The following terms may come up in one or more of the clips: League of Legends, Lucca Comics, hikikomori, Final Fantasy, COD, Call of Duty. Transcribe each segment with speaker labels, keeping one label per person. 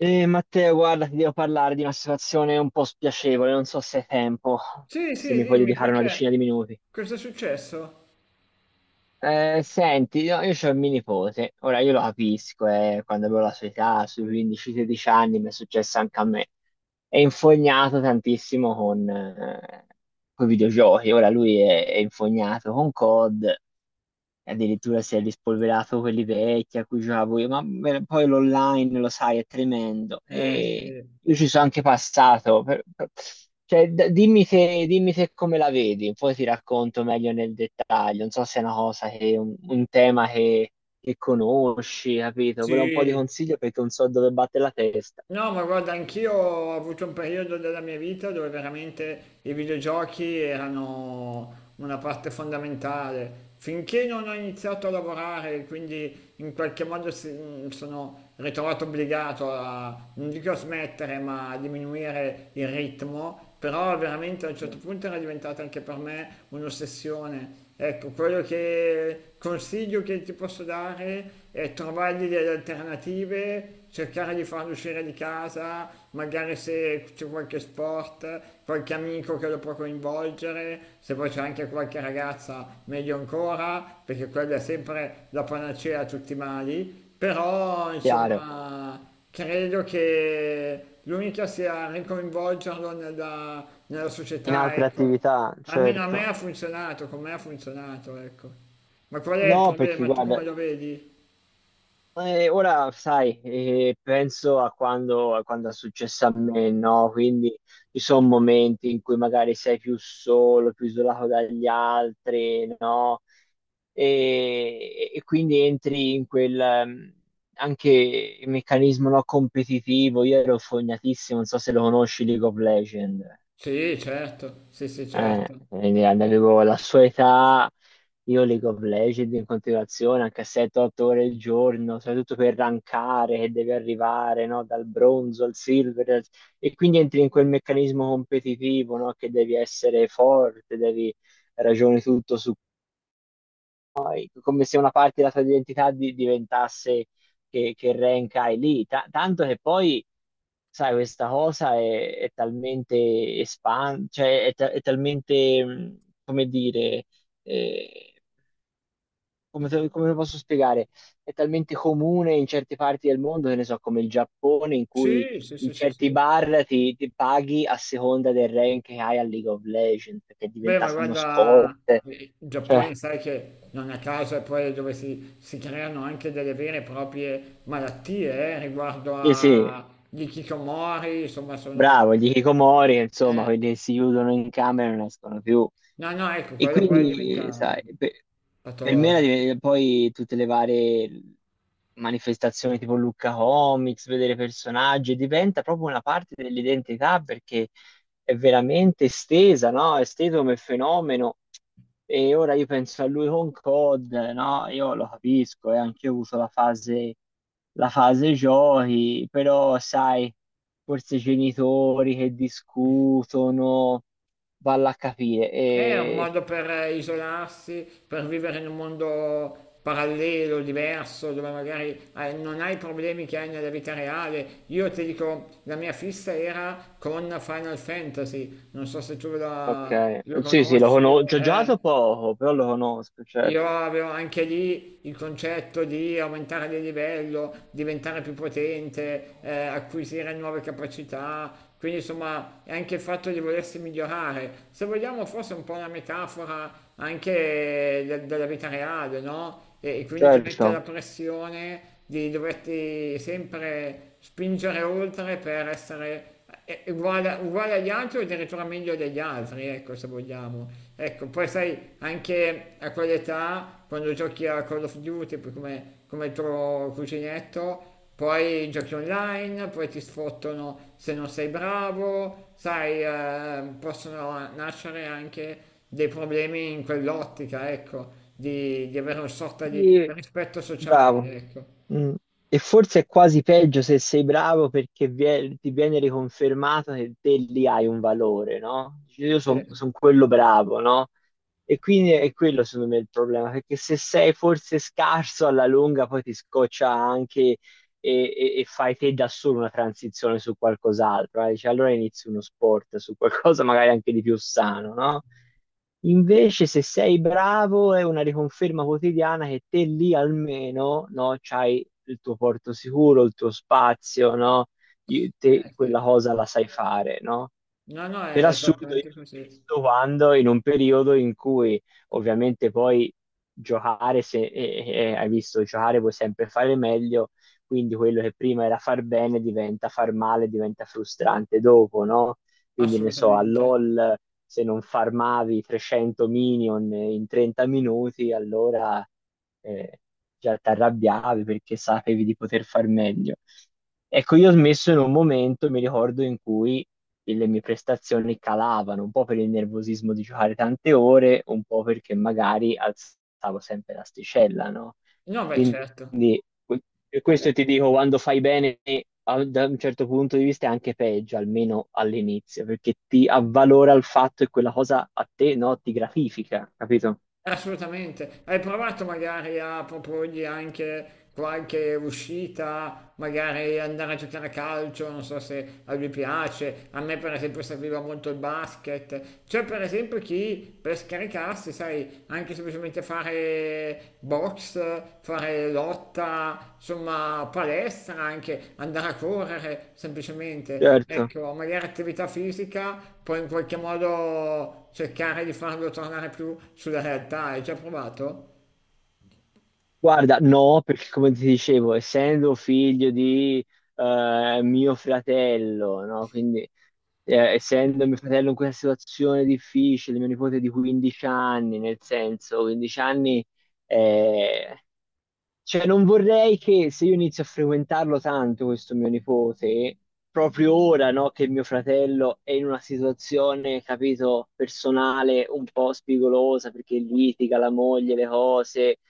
Speaker 1: Matteo, guarda, ti devo parlare di una situazione un po' spiacevole, non so se hai tempo,
Speaker 2: Sì,
Speaker 1: se
Speaker 2: sì,
Speaker 1: mi puoi
Speaker 2: dimmi
Speaker 1: dedicare una decina di
Speaker 2: perché?
Speaker 1: minuti.
Speaker 2: Cosa è successo?
Speaker 1: Senti, io c'ho il mio nipote, ora io lo capisco, quando avevo la sua età, sui 15-16 anni, mi è successo anche a me. È infognato tantissimo con, i videogiochi, ora lui è infognato con COD, e addirittura si è rispolverato quelli vecchi a cui giocavo io, ma beh, poi l'online lo sai è tremendo e
Speaker 2: Sì.
Speaker 1: io ci sono anche passato. Cioè, dimmi te come la vedi, poi ti racconto meglio nel dettaglio. Non so se è una cosa che, un tema che conosci, capito? Volevo un po' di
Speaker 2: Sì.
Speaker 1: consiglio perché non so dove batte la testa.
Speaker 2: No, ma guarda, anch'io ho avuto un periodo della mia vita dove veramente i videogiochi erano una parte fondamentale. Finché non ho iniziato a lavorare, quindi in qualche modo mi sono ritrovato obbligato a, non dico a smettere, ma a diminuire il ritmo, però veramente a un certo punto era diventata anche per me un'ossessione. Ecco, quello che consiglio che ti posso dare è trovargli delle alternative, cercare di farlo uscire di casa, magari se c'è qualche sport, qualche amico che lo può coinvolgere, se poi c'è anche qualche ragazza, meglio ancora, perché quella è sempre la panacea a tutti i mali. Però,
Speaker 1: Chiaro.
Speaker 2: insomma, credo che l'unica sia ricoinvolgerlo nella
Speaker 1: In
Speaker 2: società,
Speaker 1: altre
Speaker 2: ecco.
Speaker 1: attività,
Speaker 2: Almeno a me
Speaker 1: certo.
Speaker 2: ha funzionato, con me ha funzionato, ecco. Ma qual è il
Speaker 1: No, perché
Speaker 2: problema? Tu
Speaker 1: guarda,
Speaker 2: come lo vedi?
Speaker 1: Ora, sai, penso a quando è successo a me, no? Quindi ci sono momenti in cui magari sei più solo, più isolato dagli altri, no? E quindi entri in quel anche meccanismo no, competitivo. Io ero fognatissimo, non so se lo conosci, League of Legends.
Speaker 2: Sì, certo, sì, sì, certo.
Speaker 1: Quindi avevo la sua età, io League of Legends in continuazione, anche a 7-8 ore al giorno, soprattutto per rankare che devi arrivare, no? Dal bronzo al silver, e quindi entri in quel meccanismo competitivo, no? Che devi essere forte, devi ragionare tutto su come se una parte della tua identità diventasse che rank hai lì. Tanto che poi sai, questa cosa è talmente cioè è talmente, come dire, eh, come, come lo posso spiegare? È talmente comune in certe parti del mondo, che ne so, come il Giappone, in cui
Speaker 2: Sì, sì, sì,
Speaker 1: in
Speaker 2: sì,
Speaker 1: certi
Speaker 2: sì.
Speaker 1: bar ti paghi a seconda del rank che hai a League of Legends, che è
Speaker 2: Beh, ma
Speaker 1: diventato uno sport.
Speaker 2: guarda, il
Speaker 1: Cioè,
Speaker 2: Giappone sai che non a caso è poi dove si creano anche delle vere e proprie malattie, riguardo
Speaker 1: sì, sì,
Speaker 2: a gli hikikomori, insomma, sono...
Speaker 1: bravo, gli hikikomori, insomma,
Speaker 2: eh,
Speaker 1: quelli che si chiudono in camera e non escono più.
Speaker 2: no, no, ecco,
Speaker 1: E
Speaker 2: quello poi
Speaker 1: quindi,
Speaker 2: diventa
Speaker 1: sai, per me era
Speaker 2: patologico.
Speaker 1: poi tutte le varie manifestazioni tipo Lucca Comics, vedere personaggi, diventa proprio una parte dell'identità perché è veramente estesa, no? È esteso come fenomeno. E ora io penso a lui con COD, no? Io lo capisco, e anche io ho avuto la fase giochi, però sai forse i genitori che discutono, valla a capire.
Speaker 2: È un
Speaker 1: E...
Speaker 2: modo per isolarsi, per vivere in un mondo parallelo, diverso, dove magari non hai i problemi che hai nella vita reale. Io ti dico, la mia fissa era con Final Fantasy, non so se tu
Speaker 1: Ok,
Speaker 2: lo Sì.
Speaker 1: sì, sì, lo
Speaker 2: conosci
Speaker 1: conosco,
Speaker 2: o...
Speaker 1: ci ho
Speaker 2: eh.
Speaker 1: giocato poco, però lo conosco, certo.
Speaker 2: Io avevo anche lì il concetto di aumentare di livello, diventare più potente, acquisire nuove capacità, quindi insomma è anche il fatto di volersi migliorare. Se vogliamo forse un po' una metafora anche della vita reale, no? E quindi ti mette la
Speaker 1: Certo.
Speaker 2: pressione di doverti sempre spingere oltre per essere è uguale, uguale agli altri o addirittura meglio degli altri, ecco, se vogliamo. Ecco, poi sai, anche a quell'età, quando giochi a Call of Duty, poi come, come il tuo cuginetto, poi giochi online, poi ti sfottono se non sei bravo, sai, possono nascere anche dei problemi in quell'ottica, ecco, di avere una sorta di
Speaker 1: Sì,
Speaker 2: rispetto
Speaker 1: bravo.
Speaker 2: sociale, ecco.
Speaker 1: Mm. E forse è quasi peggio se sei bravo perché ti viene riconfermato che te lì hai un valore, no? Dici, io
Speaker 2: Sì,
Speaker 1: sono quello bravo, no? E quindi è quello secondo me il problema, perché se sei forse scarso alla lunga poi ti scoccia anche e fai te da solo una transizione su qualcos'altro. Eh. Dici, allora inizi uno sport su qualcosa magari anche di più sano, no? Invece se sei bravo è una riconferma quotidiana che te lì almeno, no, c'hai il tuo porto sicuro, il tuo spazio, no? Te
Speaker 2: sì.
Speaker 1: quella cosa la sai fare, no?
Speaker 2: No, no,
Speaker 1: Per
Speaker 2: è
Speaker 1: assurdo, io
Speaker 2: esattamente così.
Speaker 1: spesso quando in un periodo in cui ovviamente poi giocare, se hai visto, giocare puoi sempre fare meglio, quindi quello che prima era far bene diventa far male, diventa frustrante dopo, no? Quindi ne so, a
Speaker 2: Assolutamente.
Speaker 1: LOL se non farmavi 300 minion in 30 minuti, allora eh, già ti arrabbiavi perché sapevi di poter far meglio. Ecco, io ho smesso in un momento, mi ricordo, in cui le mie prestazioni calavano, un po' per il nervosismo di giocare tante ore, un po' perché magari alzavo sempre l'asticella, no?
Speaker 2: No, beh,
Speaker 1: Quindi
Speaker 2: certo.
Speaker 1: que- questo ti dico, quando fai bene da un certo punto di vista è anche peggio, almeno all'inizio, perché ti avvalora il fatto e quella cosa a te, no, ti gratifica, capito?
Speaker 2: Assolutamente. Hai provato magari a proporgli anche qualche uscita, magari andare a giocare a calcio, non so se a lui piace. A me, per esempio, serviva molto il basket. C'è, per esempio, chi per scaricarsi, sai, anche semplicemente che fare box, fare lotta, insomma palestra anche, andare a correre semplicemente,
Speaker 1: Certo.
Speaker 2: ecco, magari attività fisica, poi in qualche modo cercare di farlo tornare più sulla realtà. Hai già provato?
Speaker 1: Guarda, no, perché come ti dicevo, essendo figlio di mio fratello, no? Quindi essendo mio fratello in questa situazione difficile, mio nipote di 15 anni, nel senso, 15 anni eh, cioè, non vorrei che se io inizio a frequentarlo tanto, questo mio nipote, proprio ora, no, che mio fratello è in una situazione, capito, personale un po' spigolosa perché litiga la moglie, le cose,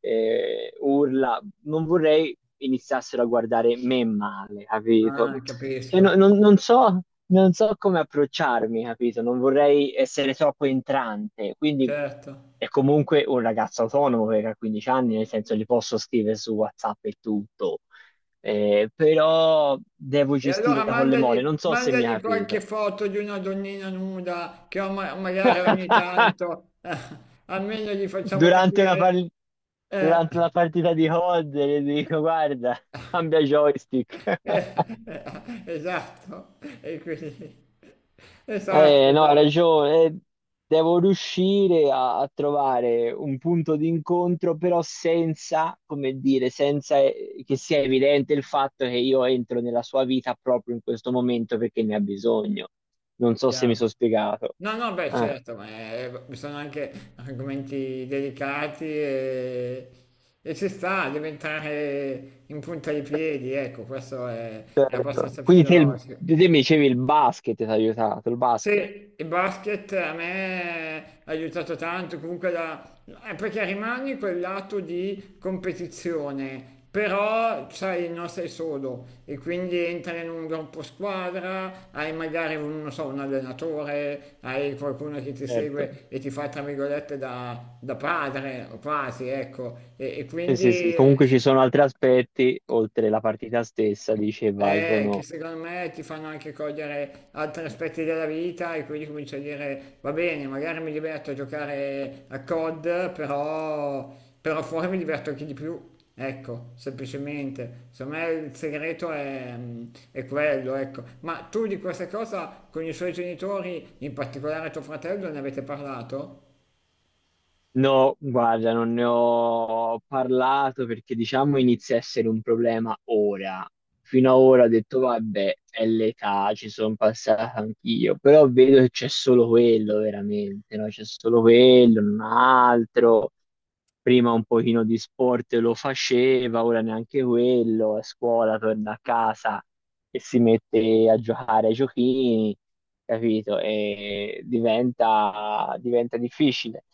Speaker 1: urla, non vorrei iniziassero a guardare me male,
Speaker 2: Ah,
Speaker 1: capito? Cioè,
Speaker 2: capisco,
Speaker 1: non so, non so come approcciarmi, capito? Non vorrei essere troppo entrante, quindi
Speaker 2: certo.
Speaker 1: è comunque un ragazzo autonomo perché ha 15 anni, nel senso gli posso scrivere su WhatsApp e tutto. Però devo
Speaker 2: E allora
Speaker 1: gestirla con le mole, non
Speaker 2: mandagli,
Speaker 1: so se mi ha
Speaker 2: mandagli qualche
Speaker 1: capito.
Speaker 2: foto di una donnina nuda che magari ogni tanto, almeno gli facciamo
Speaker 1: Durante una,
Speaker 2: capire.
Speaker 1: par-
Speaker 2: Eh.
Speaker 1: durante una partita di COD gli dico, guarda, cambia joystick.
Speaker 2: Esatto, e quindi... Esatto,
Speaker 1: No, hai
Speaker 2: esatto,
Speaker 1: ragione. Devo riuscire a trovare un punto di incontro, però senza, come dire, senza che sia evidente il fatto che io entro nella sua vita proprio in questo momento perché ne ha bisogno. Non so se mi
Speaker 2: chiaro.
Speaker 1: sono spiegato.
Speaker 2: No, no, beh,
Speaker 1: Ah,
Speaker 2: certo, ma sono anche argomenti delicati e ci sta a diventare in punta di piedi, ecco, questo è
Speaker 1: certo.
Speaker 2: abbastanza
Speaker 1: Quindi te,
Speaker 2: fisiologico.
Speaker 1: te mi dicevi il basket ti ha aiutato, il basket,
Speaker 2: Sì, il basket a me ha aiutato tanto, comunque la... perché rimani quel lato di competizione, però sai, non sei solo e quindi entri in un gruppo squadra, hai magari un, non so, un allenatore, hai qualcuno che ti
Speaker 1: certo.
Speaker 2: segue e ti fa, tra virgolette, da, da padre, o quasi, ecco, e
Speaker 1: Sì,
Speaker 2: quindi
Speaker 1: sì, sì. Comunque ci sono
Speaker 2: insomma...
Speaker 1: altri aspetti, oltre la partita stessa, dice,
Speaker 2: Che
Speaker 1: valgono.
Speaker 2: secondo me ti fanno anche cogliere altri aspetti della vita e quindi cominci a dire va bene, magari mi diverto a giocare a COD, però, però fuori mi diverto anche di più. Ecco, semplicemente. Secondo me il segreto è, mm, è quello, ecco. Ma tu di questa cosa con i suoi genitori, in particolare tuo fratello, ne avete parlato?
Speaker 1: No, guarda, non ne ho parlato perché diciamo inizia a essere un problema ora. Fino ad ora ho detto, vabbè, è l'età, ci sono passata anch'io, però vedo che c'è solo quello veramente, no? C'è solo quello, non altro. Prima un pochino di sport lo faceva, ora neanche quello, a scuola torna a casa e si mette a giocare ai giochini, capito? E diventa difficile.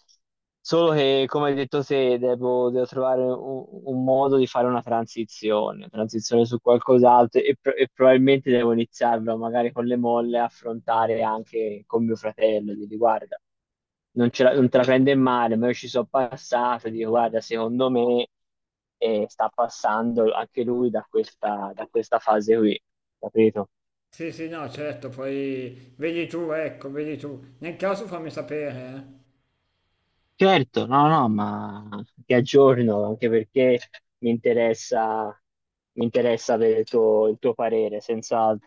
Speaker 1: Solo che, come hai detto te, devo trovare un modo di fare una transizione su qualcos'altro e, probabilmente devo iniziarlo magari con le molle a affrontare anche con mio fratello, di guarda non te la prende male, ma io ci sono passato, dico guarda, secondo me sta passando anche lui da da questa fase qui, capito?
Speaker 2: Sì, sì, no, certo, poi vedi tu, ecco, vedi tu. Nel caso fammi sapere, eh.
Speaker 1: Certo, no, no, ma ti aggiorno anche perché mi interessa, mi interessa avere il tuo parere, senz'altro.